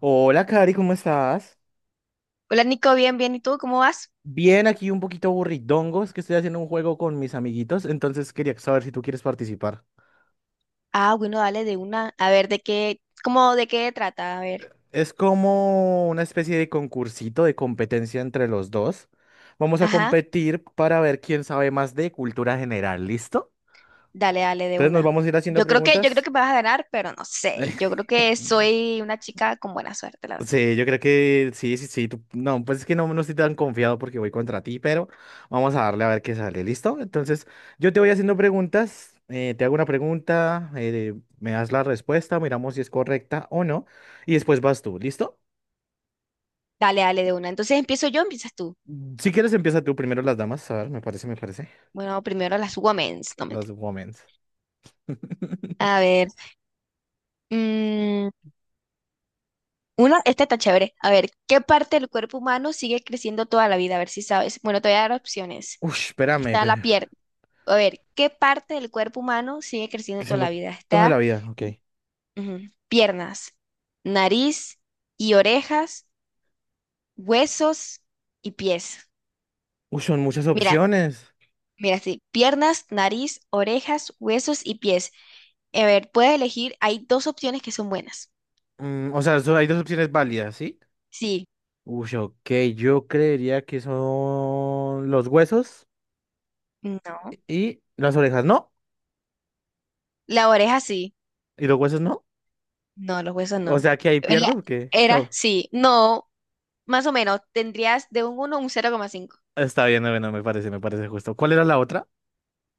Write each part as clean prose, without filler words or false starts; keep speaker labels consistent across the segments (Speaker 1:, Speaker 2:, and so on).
Speaker 1: Hola, Cari, ¿cómo estás?
Speaker 2: Hola Nico, bien, bien. ¿Y tú cómo vas?
Speaker 1: Bien, aquí un poquito aburridongo, es que estoy haciendo un juego con mis amiguitos, entonces quería saber si tú quieres participar.
Speaker 2: Ah, bueno, dale de una. A ver, de qué trata? A ver.
Speaker 1: Es como una especie de concursito de competencia entre los dos. Vamos a
Speaker 2: Ajá,
Speaker 1: competir para ver quién sabe más de cultura general, ¿listo?
Speaker 2: dale, dale de
Speaker 1: Entonces nos
Speaker 2: una.
Speaker 1: vamos a ir haciendo
Speaker 2: Yo creo que, yo creo
Speaker 1: preguntas.
Speaker 2: que me vas a ganar, pero no sé. Yo creo que soy una chica con buena suerte, la verdad.
Speaker 1: Sí, yo creo que sí, sí, sí. No, pues es que no, estoy tan confiado porque voy contra ti, pero vamos a darle a ver qué sale. ¿Listo? Entonces, yo te voy haciendo preguntas. Te hago una pregunta, me das la respuesta, miramos si es correcta o no, y después vas tú. ¿Listo?
Speaker 2: Dale, dale de una. Entonces empiezo yo, o empiezas tú.
Speaker 1: Si quieres, empieza tú primero las damas. A ver, me parece.
Speaker 2: Bueno, primero las women's, no
Speaker 1: Las
Speaker 2: mentira.
Speaker 1: women.
Speaker 2: A ver. mm, Una, esta está chévere. A ver, ¿qué parte del cuerpo humano sigue creciendo toda la vida? A ver si sabes. Bueno, te voy a dar opciones.
Speaker 1: Uy, espérame,
Speaker 2: Está la
Speaker 1: pero
Speaker 2: pierna. A ver, ¿qué parte del cuerpo humano sigue creciendo
Speaker 1: que
Speaker 2: toda
Speaker 1: siendo
Speaker 2: la vida?
Speaker 1: toda la
Speaker 2: Está,
Speaker 1: vida, ok.
Speaker 2: ujú, piernas, nariz y orejas, huesos y pies.
Speaker 1: Uy, son muchas
Speaker 2: Mira,
Speaker 1: opciones.
Speaker 2: mira, sí. Piernas, nariz, orejas, huesos y pies. A ver, puedes elegir. Hay dos opciones que son buenas.
Speaker 1: O sea, hay dos opciones válidas, ¿sí?
Speaker 2: Sí,
Speaker 1: Uy, ok, yo creería que son los huesos
Speaker 2: no.
Speaker 1: y las orejas, ¿no?
Speaker 2: La oreja sí.
Speaker 1: ¿Y los huesos no?
Speaker 2: No, los huesos
Speaker 1: O
Speaker 2: no.
Speaker 1: sea, que ahí
Speaker 2: Era,
Speaker 1: pierdo, porque.
Speaker 2: sí, no, más o menos, tendrías de un 1 a un 0,5.
Speaker 1: Está bien, bueno, me parece justo. ¿Cuál era la otra?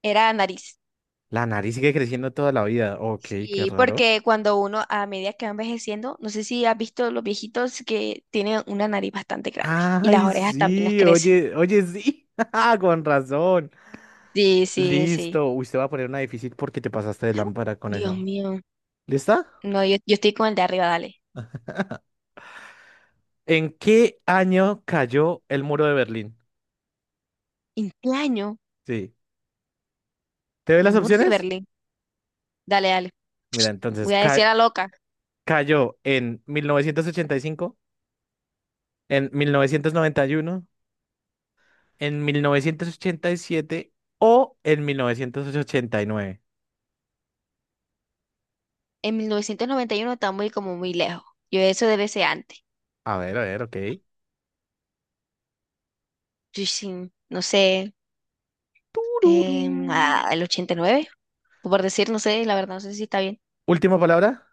Speaker 2: Era nariz.
Speaker 1: La nariz sigue creciendo toda la vida. Ok, qué
Speaker 2: Sí,
Speaker 1: raro.
Speaker 2: porque cuando uno, a medida que va envejeciendo, no sé si has visto los viejitos que tienen una nariz bastante grande y las
Speaker 1: Ay,
Speaker 2: orejas también les
Speaker 1: sí,
Speaker 2: crecen.
Speaker 1: oye, oye, sí. Ah, con razón.
Speaker 2: Sí, sí, sí.
Speaker 1: Listo. Uy, te va a poner una difícil porque te pasaste de lámpara con
Speaker 2: Dios
Speaker 1: eso.
Speaker 2: mío.
Speaker 1: ¿Lista?
Speaker 2: No, yo estoy con el de arriba, dale.
Speaker 1: ¿En qué año cayó el muro de Berlín?
Speaker 2: ¿En qué año?
Speaker 1: Sí. ¿Te doy las
Speaker 2: El muro de
Speaker 1: opciones?
Speaker 2: Berlín. Dale, dale.
Speaker 1: Mira, entonces,
Speaker 2: Voy a decir a la loca.
Speaker 1: cayó en 1985, en 1991, en 1987 o en 1989.
Speaker 2: En 1991 está muy como muy lejos. Yo eso debe ser antes.
Speaker 1: A ver, ok.
Speaker 2: Yo sí, no sé.
Speaker 1: Tururú.
Speaker 2: El 89, o por decir, no sé, la verdad, no sé si está bien.
Speaker 1: Última palabra.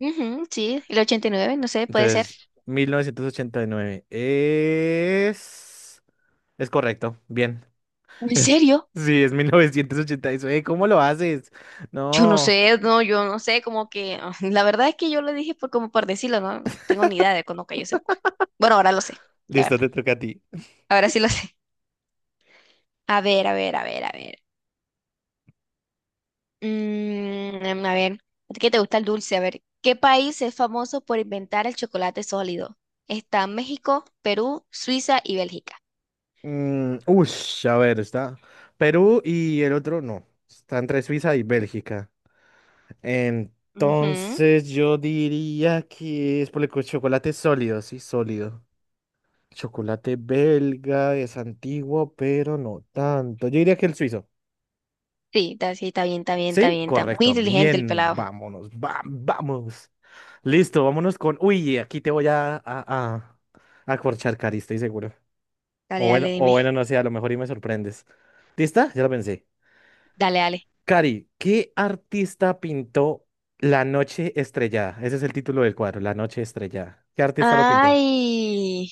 Speaker 2: Ujú, sí, el 89, no sé, puede ser.
Speaker 1: Entonces, 1989 es. Es correcto, bien.
Speaker 2: ¿En serio?
Speaker 1: Sí, es 1989. ¿Cómo lo haces?
Speaker 2: Yo no
Speaker 1: No.
Speaker 2: sé, no, yo no sé, como que, la verdad es que yo lo dije por, como por decirlo, no tengo ni idea de cuándo cayó ese muro. Bueno, ahora lo sé, la
Speaker 1: Listo,
Speaker 2: verdad,
Speaker 1: te toca a ti.
Speaker 2: ahora sí lo sé. A ver, a ver, a ver, a ver. A ver, ¿a ti qué te gusta el dulce? A ver, ¿qué país es famoso por inventar el chocolate sólido? Está México, Perú, Suiza y Bélgica.
Speaker 1: A ver, está Perú y el otro no. Está entre Suiza y Bélgica.
Speaker 2: Ujú.
Speaker 1: Entonces yo diría que es por el chocolate sólido, sí, sólido. Chocolate belga es antiguo, pero no tanto. Yo diría que el suizo.
Speaker 2: Sí, está bien, está bien, está
Speaker 1: Sí,
Speaker 2: bien, está muy
Speaker 1: correcto.
Speaker 2: inteligente el
Speaker 1: Bien,
Speaker 2: pelado.
Speaker 1: vámonos, vamos. Listo, vámonos con. Uy, aquí te voy a corchar, Cari, estoy seguro. O
Speaker 2: Dale, dale,
Speaker 1: bueno, o
Speaker 2: dime.
Speaker 1: bueno, no sé, a lo mejor y me sorprendes. ¿Lista? Ya lo pensé.
Speaker 2: Dale, dale.
Speaker 1: Cari, ¿qué artista pintó La Noche Estrellada? Ese es el título del cuadro, La Noche Estrellada. ¿Qué artista lo pintó?
Speaker 2: Ay,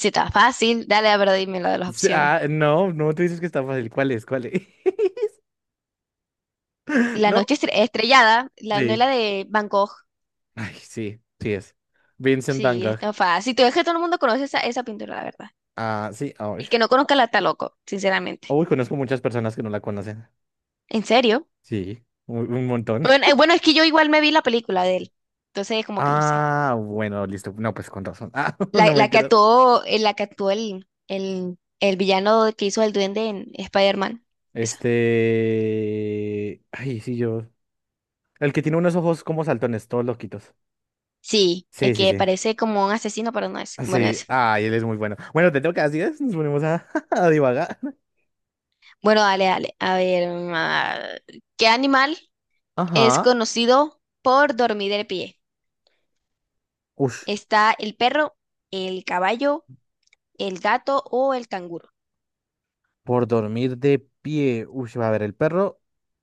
Speaker 2: sí, está fácil. Dale, pero dime lo de las
Speaker 1: Sí,
Speaker 2: opciones.
Speaker 1: ah, no, no te dices que está fácil. ¿Cuál es? ¿Cuál es?
Speaker 2: La
Speaker 1: ¿No?
Speaker 2: noche estrellada, la
Speaker 1: Sí.
Speaker 2: novela de Van Gogh.
Speaker 1: Ay, sí, sí es. Vincent Van
Speaker 2: Sí,
Speaker 1: Gogh.
Speaker 2: está fácil. Tú ves que todo el mundo conoce esa, esa pintura, la verdad.
Speaker 1: Ah, sí, ay.
Speaker 2: El que no conozca la está loco, sinceramente.
Speaker 1: Uy, conozco muchas personas que no la conocen.
Speaker 2: ¿En serio?
Speaker 1: Sí, un montón.
Speaker 2: Bueno, bueno, es que yo igual me vi la película de él. Entonces, como que lo sé.
Speaker 1: Ah, bueno, listo. No, pues con razón. Ah, no
Speaker 2: La,
Speaker 1: me enteras.
Speaker 2: la que actuó el villano que hizo el duende en Spider-Man. Esa.
Speaker 1: Este. Ay, sí, yo. El que tiene unos ojos como saltones, todos loquitos.
Speaker 2: Sí, es
Speaker 1: Sí, sí,
Speaker 2: que
Speaker 1: sí.
Speaker 2: parece como un asesino, pero no es.
Speaker 1: Ah,
Speaker 2: Bueno,
Speaker 1: sí.
Speaker 2: es.
Speaker 1: Ay, él es muy bueno. Bueno, te tengo que decir, nos ponemos a, a divagar.
Speaker 2: Bueno, dale, dale. A ver, ¿qué animal es
Speaker 1: Ajá.
Speaker 2: conocido por dormir de pie?
Speaker 1: Ush,
Speaker 2: ¿Está el perro, el caballo, el gato o el canguro?
Speaker 1: por dormir de pie. Ush, va a ver, el perro.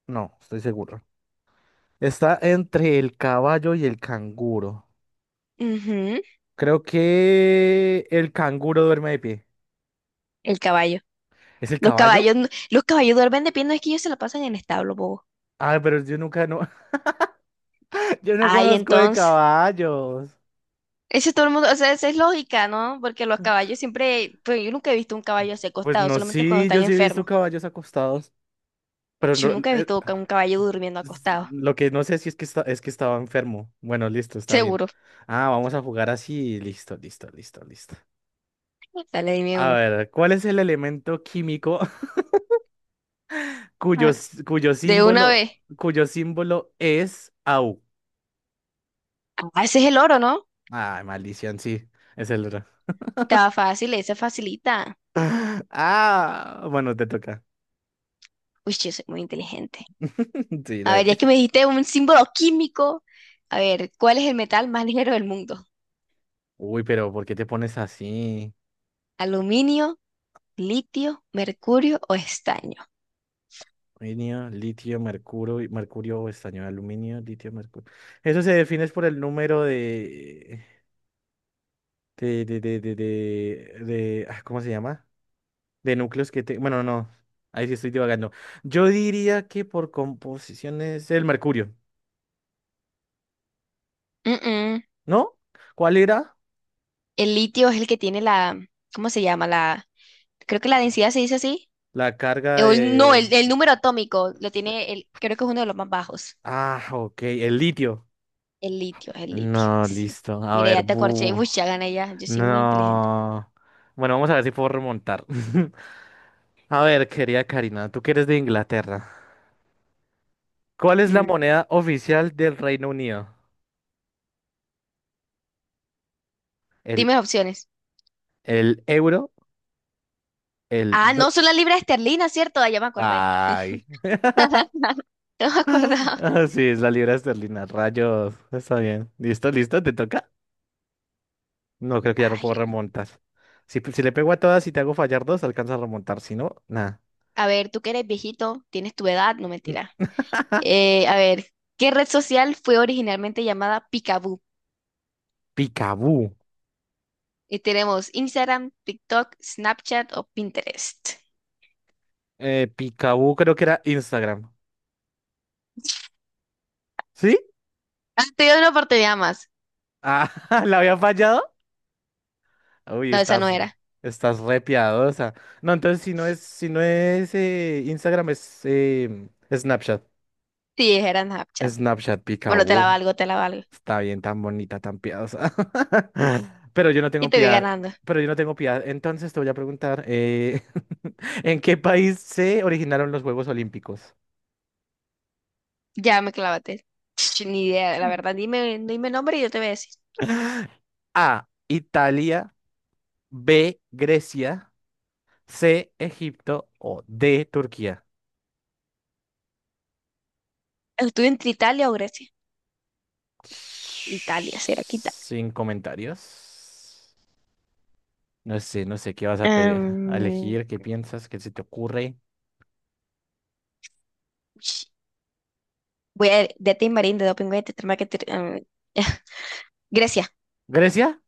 Speaker 1: No, estoy seguro. Está entre el caballo y el canguro.
Speaker 2: Ujú,
Speaker 1: Creo que el canguro duerme de pie.
Speaker 2: el caballo.
Speaker 1: ¿Es el
Speaker 2: Los
Speaker 1: caballo?
Speaker 2: caballos, los caballos duermen de pie, no es que ellos se la pasan en establo, bobo.
Speaker 1: Ah, pero yo nunca, no, yo no
Speaker 2: Ay,
Speaker 1: conozco de
Speaker 2: entonces.
Speaker 1: caballos.
Speaker 2: Eso todo el mundo, o sea, esa es lógica, ¿no? Porque los caballos siempre, pues yo nunca he visto un caballo así
Speaker 1: Pues
Speaker 2: acostado,
Speaker 1: no,
Speaker 2: solamente cuando
Speaker 1: sí,
Speaker 2: están
Speaker 1: yo sí he visto
Speaker 2: enfermos.
Speaker 1: caballos acostados, pero
Speaker 2: Yo
Speaker 1: no,
Speaker 2: nunca he visto un caballo durmiendo acostado.
Speaker 1: lo que no sé si es que estaba enfermo. Bueno, listo, está bien.
Speaker 2: Seguro.
Speaker 1: Ah, vamos a jugar así, listo, listo, listo, listo.
Speaker 2: Dale, dime
Speaker 1: A
Speaker 2: uno.
Speaker 1: ver, ¿cuál es el elemento químico cuyo,
Speaker 2: Ah,
Speaker 1: s- cuyo
Speaker 2: de una vez.
Speaker 1: símbolo, cuyo símbolo es Au?
Speaker 2: Ah, ese es el oro, ¿no?
Speaker 1: Ah, maldición, sí, es el otro.
Speaker 2: Estaba fácil, esa facilita.
Speaker 1: Ah, bueno, te toca.
Speaker 2: Uy, yo soy muy inteligente.
Speaker 1: Sí, lo
Speaker 2: A ver, ya
Speaker 1: eres.
Speaker 2: que me dijiste un símbolo químico. A ver, ¿cuál es el metal más ligero del mundo?
Speaker 1: Uy, pero ¿por qué te pones así?
Speaker 2: ¿Aluminio, litio, mercurio o estaño?
Speaker 1: Aluminio, litio, mercurio, mercurio o estaño, aluminio, litio, mercurio. Eso se define es por el número de, ¿cómo se llama? De núcleos que te, bueno, no, ahí sí estoy divagando. Yo diría que por composición es el mercurio,
Speaker 2: Mm, mm.
Speaker 1: ¿no? ¿Cuál era?
Speaker 2: El litio es el que tiene la, ¿cómo se llama? La, creo que la densidad se dice así.
Speaker 1: La carga
Speaker 2: No,
Speaker 1: de,
Speaker 2: el número atómico lo tiene, el, creo que es uno de los más bajos.
Speaker 1: ok, el litio.
Speaker 2: El litio,
Speaker 1: No,
Speaker 2: sí.
Speaker 1: listo. A
Speaker 2: Mira,
Speaker 1: ver,
Speaker 2: ya te acorché.
Speaker 1: bu.
Speaker 2: Uy, ya gané ya. Yo soy muy inteligente.
Speaker 1: No. Bueno, vamos a ver si puedo remontar. A ver, querida Karina, tú que eres de Inglaterra. ¿Cuál es la
Speaker 2: Mm.
Speaker 1: moneda oficial del Reino Unido? ¿El,
Speaker 2: Dime opciones.
Speaker 1: el euro? ¿El...
Speaker 2: Ah,
Speaker 1: do-
Speaker 2: no, son las libras esterlinas, ¿cierto? Ah, ya me acordé.
Speaker 1: Ay.
Speaker 2: No me acordaba.
Speaker 1: Ah, sí, es la libra esterlina. Rayos. Está bien. ¿Listo, listo? ¿Te toca? No, creo que ya no puedo
Speaker 2: Ay,
Speaker 1: remontar. Si le pego a todas y te hago fallar dos, alcanza a remontar. Si no, nada.
Speaker 2: a ver, tú que eres viejito, tienes tu edad, no
Speaker 1: Mm,
Speaker 2: mentira. A ver, ¿qué red social fue originalmente llamada Picaboo?
Speaker 1: Picaboo.
Speaker 2: Y tenemos Instagram, TikTok, Snapchat o Pinterest.
Speaker 1: Picaboo creo que era Instagram. ¿Sí?
Speaker 2: Ah, te doy una oportunidad más.
Speaker 1: Ah, ¿la había fallado? Uy,
Speaker 2: No, esa no
Speaker 1: estás,
Speaker 2: era.
Speaker 1: estás re piadosa. No, entonces si no es Instagram, es Snapchat.
Speaker 2: Sí, era Snapchat.
Speaker 1: Snapchat
Speaker 2: Bueno, te la
Speaker 1: Picaboo.
Speaker 2: valgo, te la valgo.
Speaker 1: Está bien, tan bonita, tan piadosa. Pero yo no
Speaker 2: Y
Speaker 1: tengo
Speaker 2: te voy
Speaker 1: piedad.
Speaker 2: ganando.
Speaker 1: Pero yo no tengo piedad. Entonces te voy a preguntar, ¿en qué país se originaron los Juegos Olímpicos?
Speaker 2: Ya me clavaste. Ni idea, la verdad. Dime, dime nombre y yo te voy a decir.
Speaker 1: A, Italia, B, Grecia, C, Egipto o D, Turquía.
Speaker 2: Estuve entre Italia o Grecia. Italia, será que Italia.
Speaker 1: Sin comentarios. No sé qué vas a, a
Speaker 2: Am,
Speaker 1: elegir, qué piensas, qué se te ocurre.
Speaker 2: ch, voy a de Tim Marín, de Doping, de Tetramaquetir- Grecia.
Speaker 1: Grecia,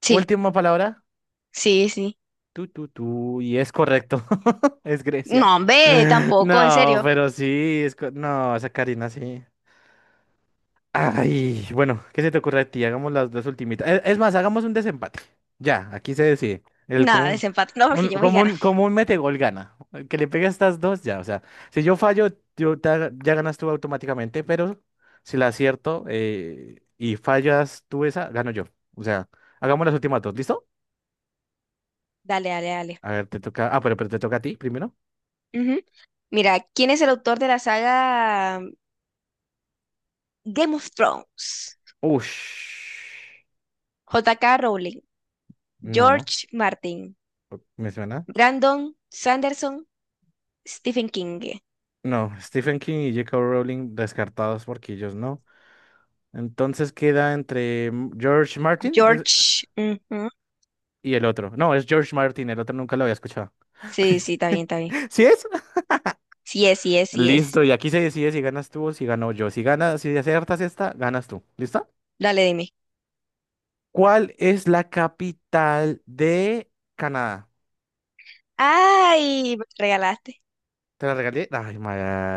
Speaker 2: Sí,
Speaker 1: última palabra.
Speaker 2: sí, sí.
Speaker 1: Tú, tú, tú. Y es correcto. Es Grecia.
Speaker 2: No, hombre, tampoco, en
Speaker 1: No,
Speaker 2: serio.
Speaker 1: pero sí, no, esa Karina sí. Ay, bueno, ¿qué se te ocurre a ti? Hagamos las dos ultimitas. Es más, hagamos un desempate. Ya, aquí se decide. El
Speaker 2: Nada,
Speaker 1: común,
Speaker 2: desempate. No, porque
Speaker 1: un,
Speaker 2: yo voy
Speaker 1: como
Speaker 2: a ganar.
Speaker 1: un, como un mete gol gana. El que le pegue a estas dos, ya. O sea, si yo fallo, ya ganas tú automáticamente, pero si la acierto, y fallas tú esa, gano yo. O sea, hagamos las últimas dos, ¿listo?
Speaker 2: Dale, dale, dale.
Speaker 1: A ver, te toca. Ah, pero te toca a ti primero.
Speaker 2: Ujú. Mira, ¿quién es el autor de la saga Game of Thrones?
Speaker 1: Ush.
Speaker 2: J K Rowling,
Speaker 1: No,
Speaker 2: George Martin,
Speaker 1: ¿me suena?
Speaker 2: Brandon Sanderson, Stephen King.
Speaker 1: No, Stephen King y J.K. Rowling descartados porque ellos no. Entonces queda entre George Martin
Speaker 2: George. Ujú.
Speaker 1: y el otro. No, es George Martin, el otro nunca lo había escuchado.
Speaker 2: Sí, sí, está bien, está bien.
Speaker 1: ¿Sí es?
Speaker 2: Sí es, sí es, sí es.
Speaker 1: Listo, y aquí se decide si ganas tú o si gano yo. Si ganas, si aciertas esta, ganas tú. ¿Listo?
Speaker 2: Dale, dime.
Speaker 1: ¿Cuál es la capital de Canadá?
Speaker 2: Ay, me la regalaste.
Speaker 1: ¿Te la regalé? Ay,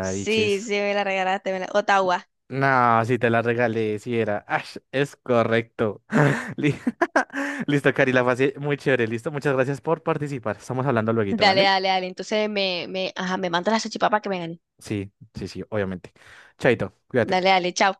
Speaker 2: Sí, sí, me la regalaste. Ottawa.
Speaker 1: No, si te la regalé, si era. Ash, es correcto. Li- Listo, Cari, la pasé muy chévere. Listo, muchas gracias por participar. Estamos hablando luego,
Speaker 2: Dale,
Speaker 1: ¿vale?
Speaker 2: dale, dale. Entonces me, ajá, me manda la salchipapa que me gane.
Speaker 1: Sí, sí, sí, obviamente. Chaito,
Speaker 2: Dale,
Speaker 1: cuídate.
Speaker 2: dale, chao.